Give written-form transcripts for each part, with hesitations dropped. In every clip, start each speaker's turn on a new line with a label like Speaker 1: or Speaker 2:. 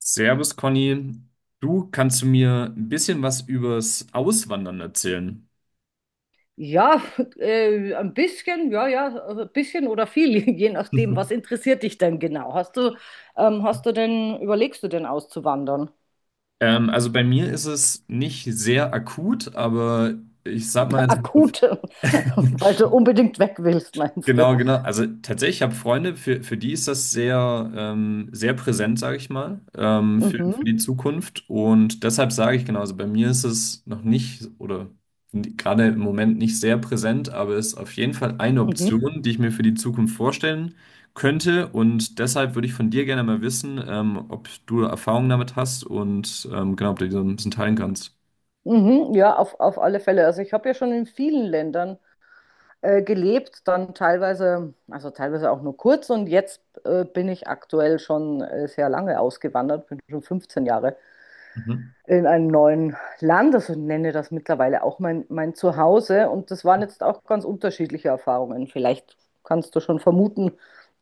Speaker 1: Servus, Conny. Du kannst du mir ein bisschen was übers Auswandern erzählen?
Speaker 2: Ja, ein bisschen, ja, ja, also ein bisschen oder viel, je nachdem, was interessiert dich denn genau? Überlegst du denn auszuwandern?
Speaker 1: Also bei mir ist es nicht sehr akut, aber ich sag mal,
Speaker 2: Akut, weil du unbedingt weg willst, meinst du?
Speaker 1: genau, genau. Also tatsächlich, ich habe Freunde, für die ist das sehr, sehr präsent, sage ich mal, für
Speaker 2: Mhm,
Speaker 1: die Zukunft. Und deshalb sage ich, genau, also bei mir ist es noch nicht oder gerade im Moment nicht sehr präsent, aber es ist auf jeden Fall eine
Speaker 2: mhm,
Speaker 1: Option, die ich mir für die Zukunft vorstellen könnte. Und deshalb würde ich von dir gerne mal wissen, ob du Erfahrungen damit hast, und genau, ob du die so ein bisschen teilen kannst.
Speaker 2: mhm, ja, auf alle Fälle. Also ich habe ja schon in vielen Ländern gelebt, dann teilweise, also teilweise auch nur kurz und jetzt bin ich aktuell schon sehr lange ausgewandert, bin schon 15 Jahre
Speaker 1: Mhm.
Speaker 2: in einem neuen Land, also nenne das mittlerweile auch mein Zuhause. Und das waren jetzt auch ganz unterschiedliche Erfahrungen. Vielleicht kannst du schon vermuten,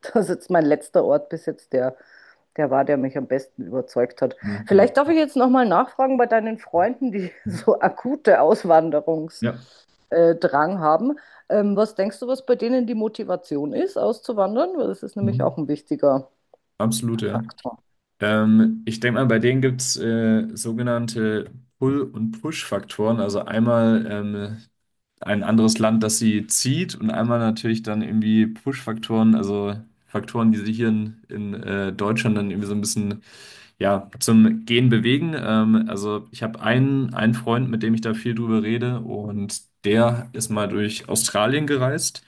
Speaker 2: dass jetzt mein letzter Ort bis jetzt der mich am besten überzeugt hat.
Speaker 1: Mhm.
Speaker 2: Vielleicht darf ich jetzt nochmal nachfragen bei deinen Freunden, die so akute Auswanderungsdrang
Speaker 1: Ja,
Speaker 2: haben. Was denkst du, was bei denen die Motivation ist, auszuwandern? Weil das ist nämlich
Speaker 1: mhm.
Speaker 2: auch ein wichtiger
Speaker 1: Absolut, ja.
Speaker 2: Faktor.
Speaker 1: Ich denke mal, bei denen gibt es sogenannte Pull- und Push-Faktoren. Also einmal ein anderes Land, das sie zieht, und einmal natürlich dann irgendwie Push-Faktoren, also Faktoren, die sie hier in Deutschland dann irgendwie so ein bisschen, ja, zum Gehen bewegen. Also ich habe einen, einen Freund, mit dem ich da viel drüber rede, und der ist mal durch Australien gereist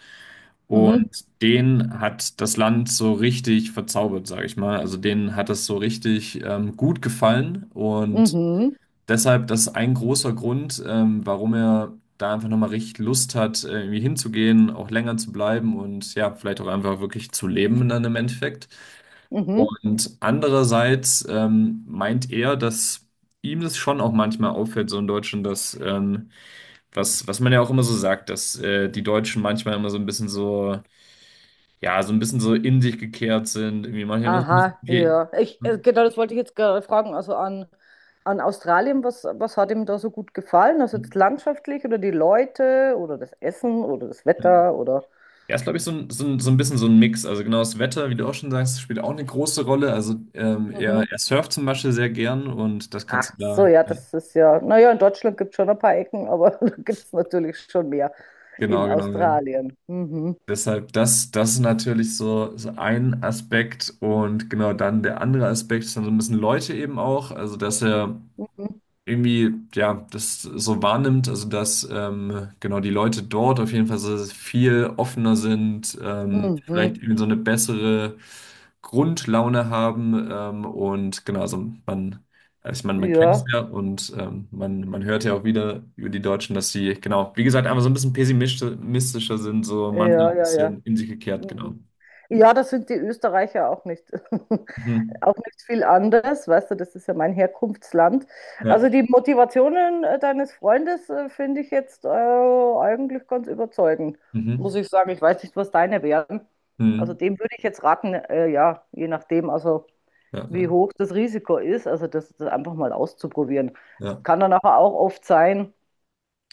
Speaker 2: Mhm,
Speaker 1: und den hat das Land so richtig verzaubert, sage ich mal. Also denen hat das so richtig gut gefallen, und
Speaker 2: mhm,
Speaker 1: deshalb, das ist ein großer Grund, warum er da einfach nochmal richtig Lust hat, irgendwie hinzugehen, auch länger zu bleiben und, ja, vielleicht auch einfach wirklich zu leben dann im Endeffekt.
Speaker 2: mhm.
Speaker 1: Und andererseits meint er, dass ihm das schon auch manchmal auffällt, so in Deutschland, dass, was, was man ja auch immer so sagt, dass die Deutschen manchmal immer so ein bisschen so, ja, so ein bisschen so in sich gekehrt sind, irgendwie manchmal immer so ein bisschen,
Speaker 2: Aha,
Speaker 1: okay.
Speaker 2: ja. Genau, das wollte ich jetzt gerade fragen. Also an Australien, was hat ihm da so gut gefallen? Also jetzt landschaftlich oder die Leute oder das Essen oder das Wetter oder.
Speaker 1: Ja, ist, glaube ich, so ein bisschen so ein Mix. Also genau, das Wetter, wie du auch schon sagst, spielt auch eine große Rolle. Also er,
Speaker 2: Mhm.
Speaker 1: er surft zum Beispiel sehr gern und das kannst
Speaker 2: Ach
Speaker 1: du
Speaker 2: so,
Speaker 1: da,
Speaker 2: ja, das ist ja. Naja, in Deutschland gibt es schon ein paar Ecken, aber da gibt es natürlich schon mehr
Speaker 1: genau,
Speaker 2: in
Speaker 1: genau, ja.
Speaker 2: Australien. Mhm.
Speaker 1: Deshalb, das ist natürlich so, so ein Aspekt, und genau, dann der andere Aspekt ist dann so ein bisschen Leute eben auch. Also, dass er
Speaker 2: Mhm.
Speaker 1: irgendwie, ja, das so wahrnimmt, also dass genau, die Leute dort auf jeden Fall so viel offener sind,
Speaker 2: Mhm.
Speaker 1: vielleicht irgendwie so eine bessere Grundlaune haben, und genau, also man, also ich meine, man kennt es
Speaker 2: Ja,
Speaker 1: ja, und man, man hört ja auch wieder über die Deutschen, dass sie, genau, wie gesagt, einfach so ein bisschen pessimistischer sind, so manchmal
Speaker 2: ja,
Speaker 1: ein
Speaker 2: ja, ja.
Speaker 1: bisschen in sich gekehrt, genau.
Speaker 2: Mhm. Ja, das sind die Österreicher auch nicht.
Speaker 1: Mhm.
Speaker 2: Auch nicht viel anders, weißt du, das ist ja mein Herkunftsland.
Speaker 1: Ja,
Speaker 2: Also die Motivationen deines Freundes finde ich jetzt eigentlich ganz überzeugend,
Speaker 1: mhm.
Speaker 2: muss ich sagen. Ich weiß nicht, was deine wären. Also
Speaker 1: Mhm.
Speaker 2: dem würde ich jetzt raten, ja, je nachdem, also
Speaker 1: Ja,
Speaker 2: wie
Speaker 1: ja,
Speaker 2: hoch das Risiko ist, also das einfach mal auszuprobieren. Es
Speaker 1: ja,
Speaker 2: kann dann aber auch oft sein,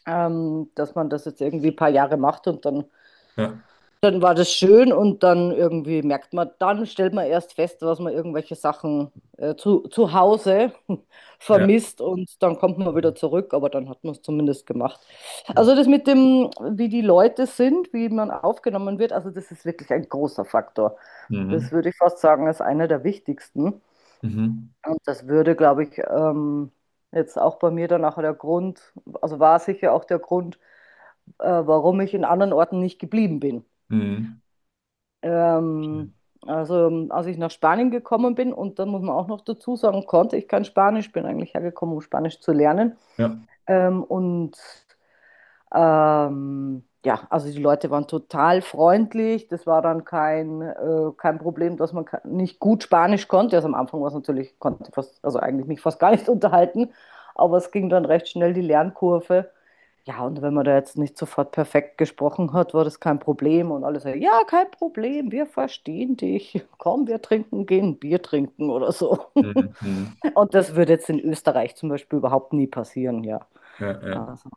Speaker 2: dass man das jetzt irgendwie ein paar Jahre macht und dann
Speaker 1: ja,
Speaker 2: dann war das schön und dann irgendwie merkt man, dann stellt man erst fest, was man irgendwelche Sachen zu Hause
Speaker 1: ja,
Speaker 2: vermisst und dann kommt man wieder zurück, aber dann hat man es zumindest gemacht.
Speaker 1: ja.
Speaker 2: Also das mit dem, wie die Leute sind, wie man aufgenommen wird, also das ist wirklich ein großer Faktor. Das
Speaker 1: Mhm.
Speaker 2: würde ich fast sagen, ist einer der wichtigsten.
Speaker 1: Mhm.
Speaker 2: Und das würde, glaube ich, jetzt auch bei mir dann auch der Grund, also war sicher auch der Grund, warum ich in anderen Orten nicht geblieben bin.
Speaker 1: Mhm.
Speaker 2: Ähm, also, als ich nach Spanien gekommen bin, und dann muss man auch noch dazu sagen, konnte ich kein Spanisch, bin eigentlich hergekommen, um Spanisch zu lernen.
Speaker 1: Ja.
Speaker 2: Und ja, also die Leute waren total freundlich. Das war dann kein Problem, dass man nicht gut Spanisch konnte. Also am Anfang war es natürlich, konnte fast, also eigentlich mich fast gar nicht unterhalten, aber es ging dann recht schnell die Lernkurve. Ja, und wenn man da jetzt nicht sofort perfekt gesprochen hat, war das kein Problem. Und alle so, ja, kein Problem, wir verstehen dich. Komm, wir trinken, gehen Bier trinken oder so.
Speaker 1: Mhm.
Speaker 2: Und das würde jetzt in Österreich zum Beispiel überhaupt nie passieren, ja.
Speaker 1: Ja, ja.
Speaker 2: Also,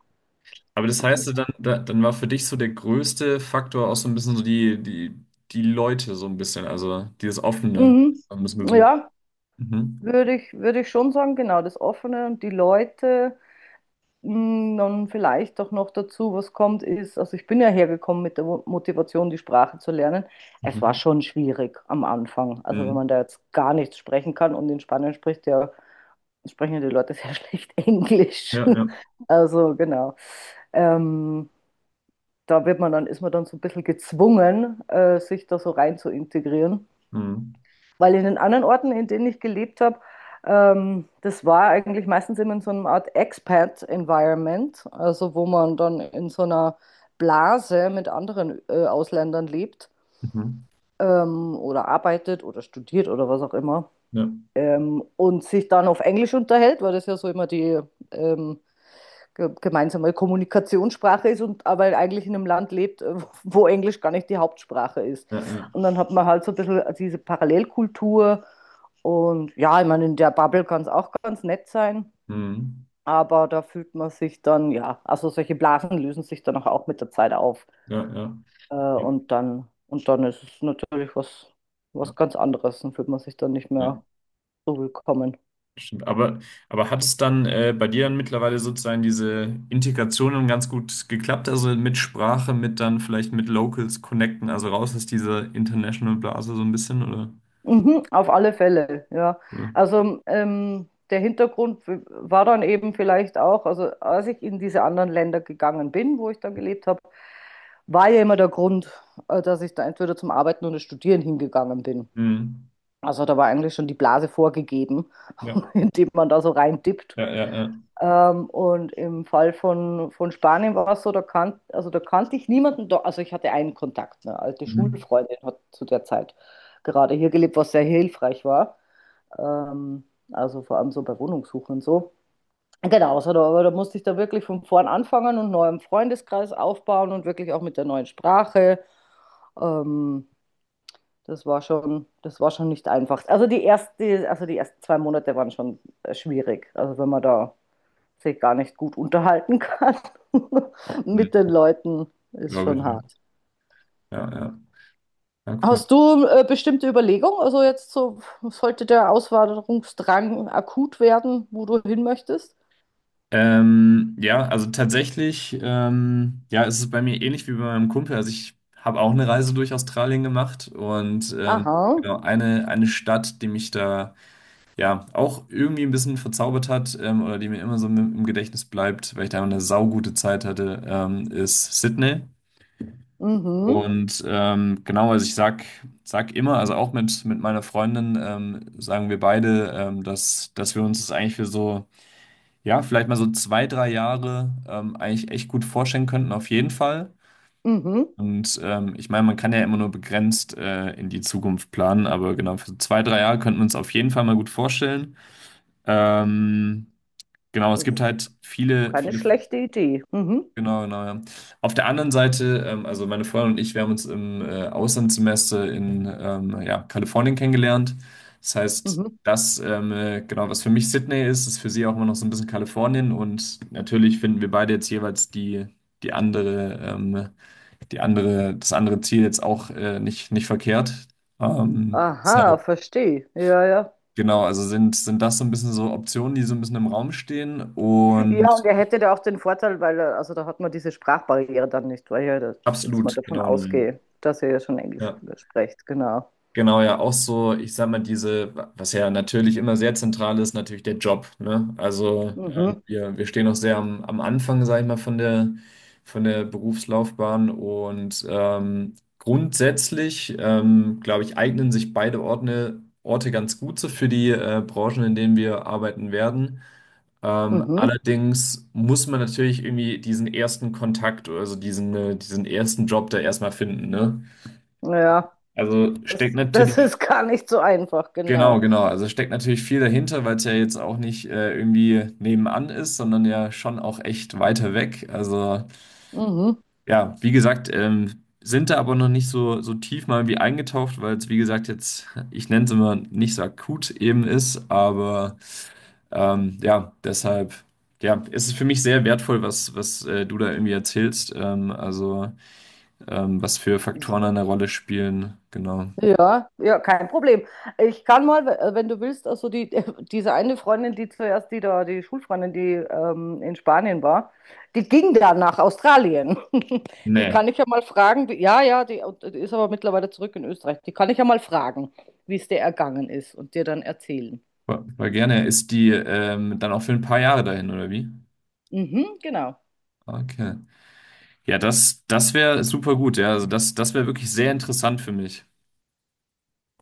Speaker 1: Aber das heißt, ja
Speaker 2: genau.
Speaker 1: dann, dann war für dich so der größte Faktor auch so ein bisschen so die Leute, so ein bisschen, also dieses Offene
Speaker 2: Mhm.
Speaker 1: ein bisschen gesucht.
Speaker 2: Ja,
Speaker 1: Mhm.
Speaker 2: würde ich schon sagen, genau, das Offene und die Leute. Dann vielleicht auch noch dazu, was kommt, ist, also ich bin ja hergekommen mit der Motivation, die Sprache zu lernen. Es war
Speaker 1: Mhm.
Speaker 2: schon schwierig am Anfang. Also wenn
Speaker 1: Mhm.
Speaker 2: man da jetzt gar nichts sprechen kann und in Spanien sprechen ja die Leute sehr schlecht Englisch.
Speaker 1: Ja, ja.
Speaker 2: Also genau. Ähm, da wird man dann, ist man dann so ein bisschen gezwungen, sich da so rein zu integrieren.
Speaker 1: Mhm.
Speaker 2: Weil in den anderen Orten, in denen ich gelebt habe, das war eigentlich meistens immer in so einer Art Expat-Environment, also wo man dann in so einer Blase mit anderen Ausländern lebt
Speaker 1: Mhm.
Speaker 2: oder arbeitet oder studiert oder was auch immer
Speaker 1: Ja,
Speaker 2: und sich dann auf Englisch unterhält, weil das ja so immer die ähm, gemeinsame Kommunikationssprache ist und aber eigentlich in einem Land lebt, wo Englisch gar nicht die Hauptsprache ist.
Speaker 1: ja, ja.
Speaker 2: Und dann hat man halt so ein bisschen diese Parallelkultur und ja, ich meine, in der Bubble kann es auch ganz nett sein,
Speaker 1: Mhm.
Speaker 2: aber da fühlt man sich dann, ja, also solche Blasen lösen sich dann auch mit der Zeit auf
Speaker 1: Ja, ja. Ja,
Speaker 2: und dann ist es natürlich was, ganz anderes, dann fühlt man sich dann nicht
Speaker 1: ja.
Speaker 2: mehr so willkommen.
Speaker 1: Stimmt, aber hat es dann bei dir dann mittlerweile sozusagen diese Integration dann ganz gut geklappt? Also mit Sprache, mit dann vielleicht mit Locals connecten, also raus aus dieser international Blase so ein bisschen, oder?
Speaker 2: Mhm, auf alle Fälle, ja.
Speaker 1: Mhm.
Speaker 2: Also der Hintergrund war dann eben vielleicht auch, also als ich in diese anderen Länder gegangen bin, wo ich dann gelebt habe, war ja immer der Grund, dass ich da entweder zum Arbeiten oder Studieren hingegangen bin.
Speaker 1: Mhm.
Speaker 2: Also da war eigentlich schon die Blase vorgegeben,
Speaker 1: Ja,
Speaker 2: indem man da so reindippt.
Speaker 1: ja, ja, ja.
Speaker 2: Und im Fall von Spanien war es so, da, kan also da kannte ich niemanden, da, also ich hatte einen Kontakt, eine alte
Speaker 1: Mhm.
Speaker 2: Schulfreundin hat zu der Zeit gerade hier gelebt, was sehr hilfreich war. Ähm, also vor allem so bei Wohnungssuche und so. Genau, also da, aber da musste ich da wirklich von vorn anfangen und neuem Freundeskreis aufbauen und wirklich auch mit der neuen Sprache. Ähm, das war schon nicht einfach. Also die ersten 2 Monate waren schon schwierig. Also wenn man da sich gar nicht gut unterhalten kann mit
Speaker 1: Mhm.
Speaker 2: den Leuten, ist
Speaker 1: Glaube ich,
Speaker 2: schon
Speaker 1: ja.
Speaker 2: hart.
Speaker 1: Ja, ja, ja, cool.
Speaker 2: Hast du bestimmte Überlegungen? Also jetzt so, sollte der Auswanderungsdrang akut werden, wo du hin möchtest?
Speaker 1: Ja, also tatsächlich, ja, ist es ist bei mir ähnlich wie bei meinem Kumpel. Also ich habe auch eine Reise durch Australien gemacht, und
Speaker 2: Aha,
Speaker 1: genau, eine Stadt, die mich da, ja, auch irgendwie ein bisschen verzaubert hat, oder die mir immer so im Gedächtnis bleibt, weil ich da eine saugute Zeit hatte, ist Sydney.
Speaker 2: mhm,
Speaker 1: Und genau, also ich sag immer, also auch mit meiner Freundin, sagen wir beide, dass wir uns das eigentlich für so, ja, vielleicht mal so zwei, drei Jahre eigentlich echt gut vorstellen könnten, auf jeden Fall.
Speaker 2: mhm.
Speaker 1: Und ich meine, man kann ja immer nur begrenzt in die Zukunft planen, aber genau, für zwei, drei Jahre könnten wir uns auf jeden Fall mal gut vorstellen. Ähm, Genau, es
Speaker 2: Das
Speaker 1: gibt
Speaker 2: ist
Speaker 1: halt
Speaker 2: keine schlechte Idee. Mhm,
Speaker 1: genau, genau, ja. Auf der anderen Seite, also meine Freundin und ich, wir haben uns im Auslandssemester in ja, Kalifornien kennengelernt. Das heißt,
Speaker 2: mhm.
Speaker 1: das, genau, was für mich Sydney ist, ist für sie auch immer noch so ein bisschen Kalifornien. Und natürlich finden wir beide jetzt jeweils die andere, ähm, die andere, das andere Ziel jetzt auch nicht verkehrt.
Speaker 2: Aha,
Speaker 1: Deshalb,
Speaker 2: verstehe. Ja, ja.
Speaker 1: genau, also sind das so ein bisschen so Optionen, die so ein bisschen im Raum stehen. Und
Speaker 2: Ja, und er hätte da auch den Vorteil, weil er, also da hat man diese Sprachbarriere dann nicht, weil ich ja da jetzt mal
Speaker 1: absolut,
Speaker 2: davon
Speaker 1: genau, ne,
Speaker 2: ausgehe, dass er ja schon Englisch
Speaker 1: ja,
Speaker 2: spricht, genau.
Speaker 1: genau, ja, auch so, ich sag mal, diese, was ja natürlich immer sehr zentral ist, natürlich der Job, ne? Also
Speaker 2: Mhm,
Speaker 1: wir stehen noch sehr am, am Anfang, sag ich mal, von der Berufslaufbahn und grundsätzlich, glaube ich, eignen sich beide Orte ganz gut so für die Branchen, in denen wir arbeiten werden.
Speaker 2: mhm.
Speaker 1: Allerdings muss man natürlich irgendwie diesen ersten Kontakt, also diesen, diesen ersten Job da erstmal finden, ne?
Speaker 2: Ja,
Speaker 1: Also
Speaker 2: das,
Speaker 1: steckt
Speaker 2: das
Speaker 1: natürlich,
Speaker 2: ist gar nicht so einfach,
Speaker 1: genau,
Speaker 2: genau.
Speaker 1: genau, also steckt natürlich viel dahinter, weil es ja jetzt auch nicht irgendwie nebenan ist, sondern ja schon auch echt weiter weg. Also
Speaker 2: Mhm.
Speaker 1: ja, wie gesagt, sind da aber noch nicht so, so tief mal wie eingetaucht, weil es, wie gesagt, jetzt, ich nenne es immer, nicht so akut eben ist, aber ja, deshalb. Ja, es ist es für mich sehr wertvoll, was, was du da irgendwie erzählst. Also, was für Faktoren eine Rolle spielen. Genau.
Speaker 2: Ja, ja, kein Problem. Ich kann mal, wenn du willst, also die, diese eine Freundin, die zuerst, die da, die Schulfreundin, die in Spanien war, die ging dann nach Australien. Die
Speaker 1: Nee,
Speaker 2: kann ich ja mal fragen, ja, ja, die ist aber mittlerweile zurück in Österreich. Die kann ich ja mal fragen, wie es dir ergangen ist und dir dann erzählen.
Speaker 1: war, war gerne. Ist die dann auch für ein paar Jahre dahin, oder wie?
Speaker 2: Mhm, genau.
Speaker 1: Okay. Ja, das, das wäre super gut, ja. Also das, das wäre wirklich sehr interessant für mich.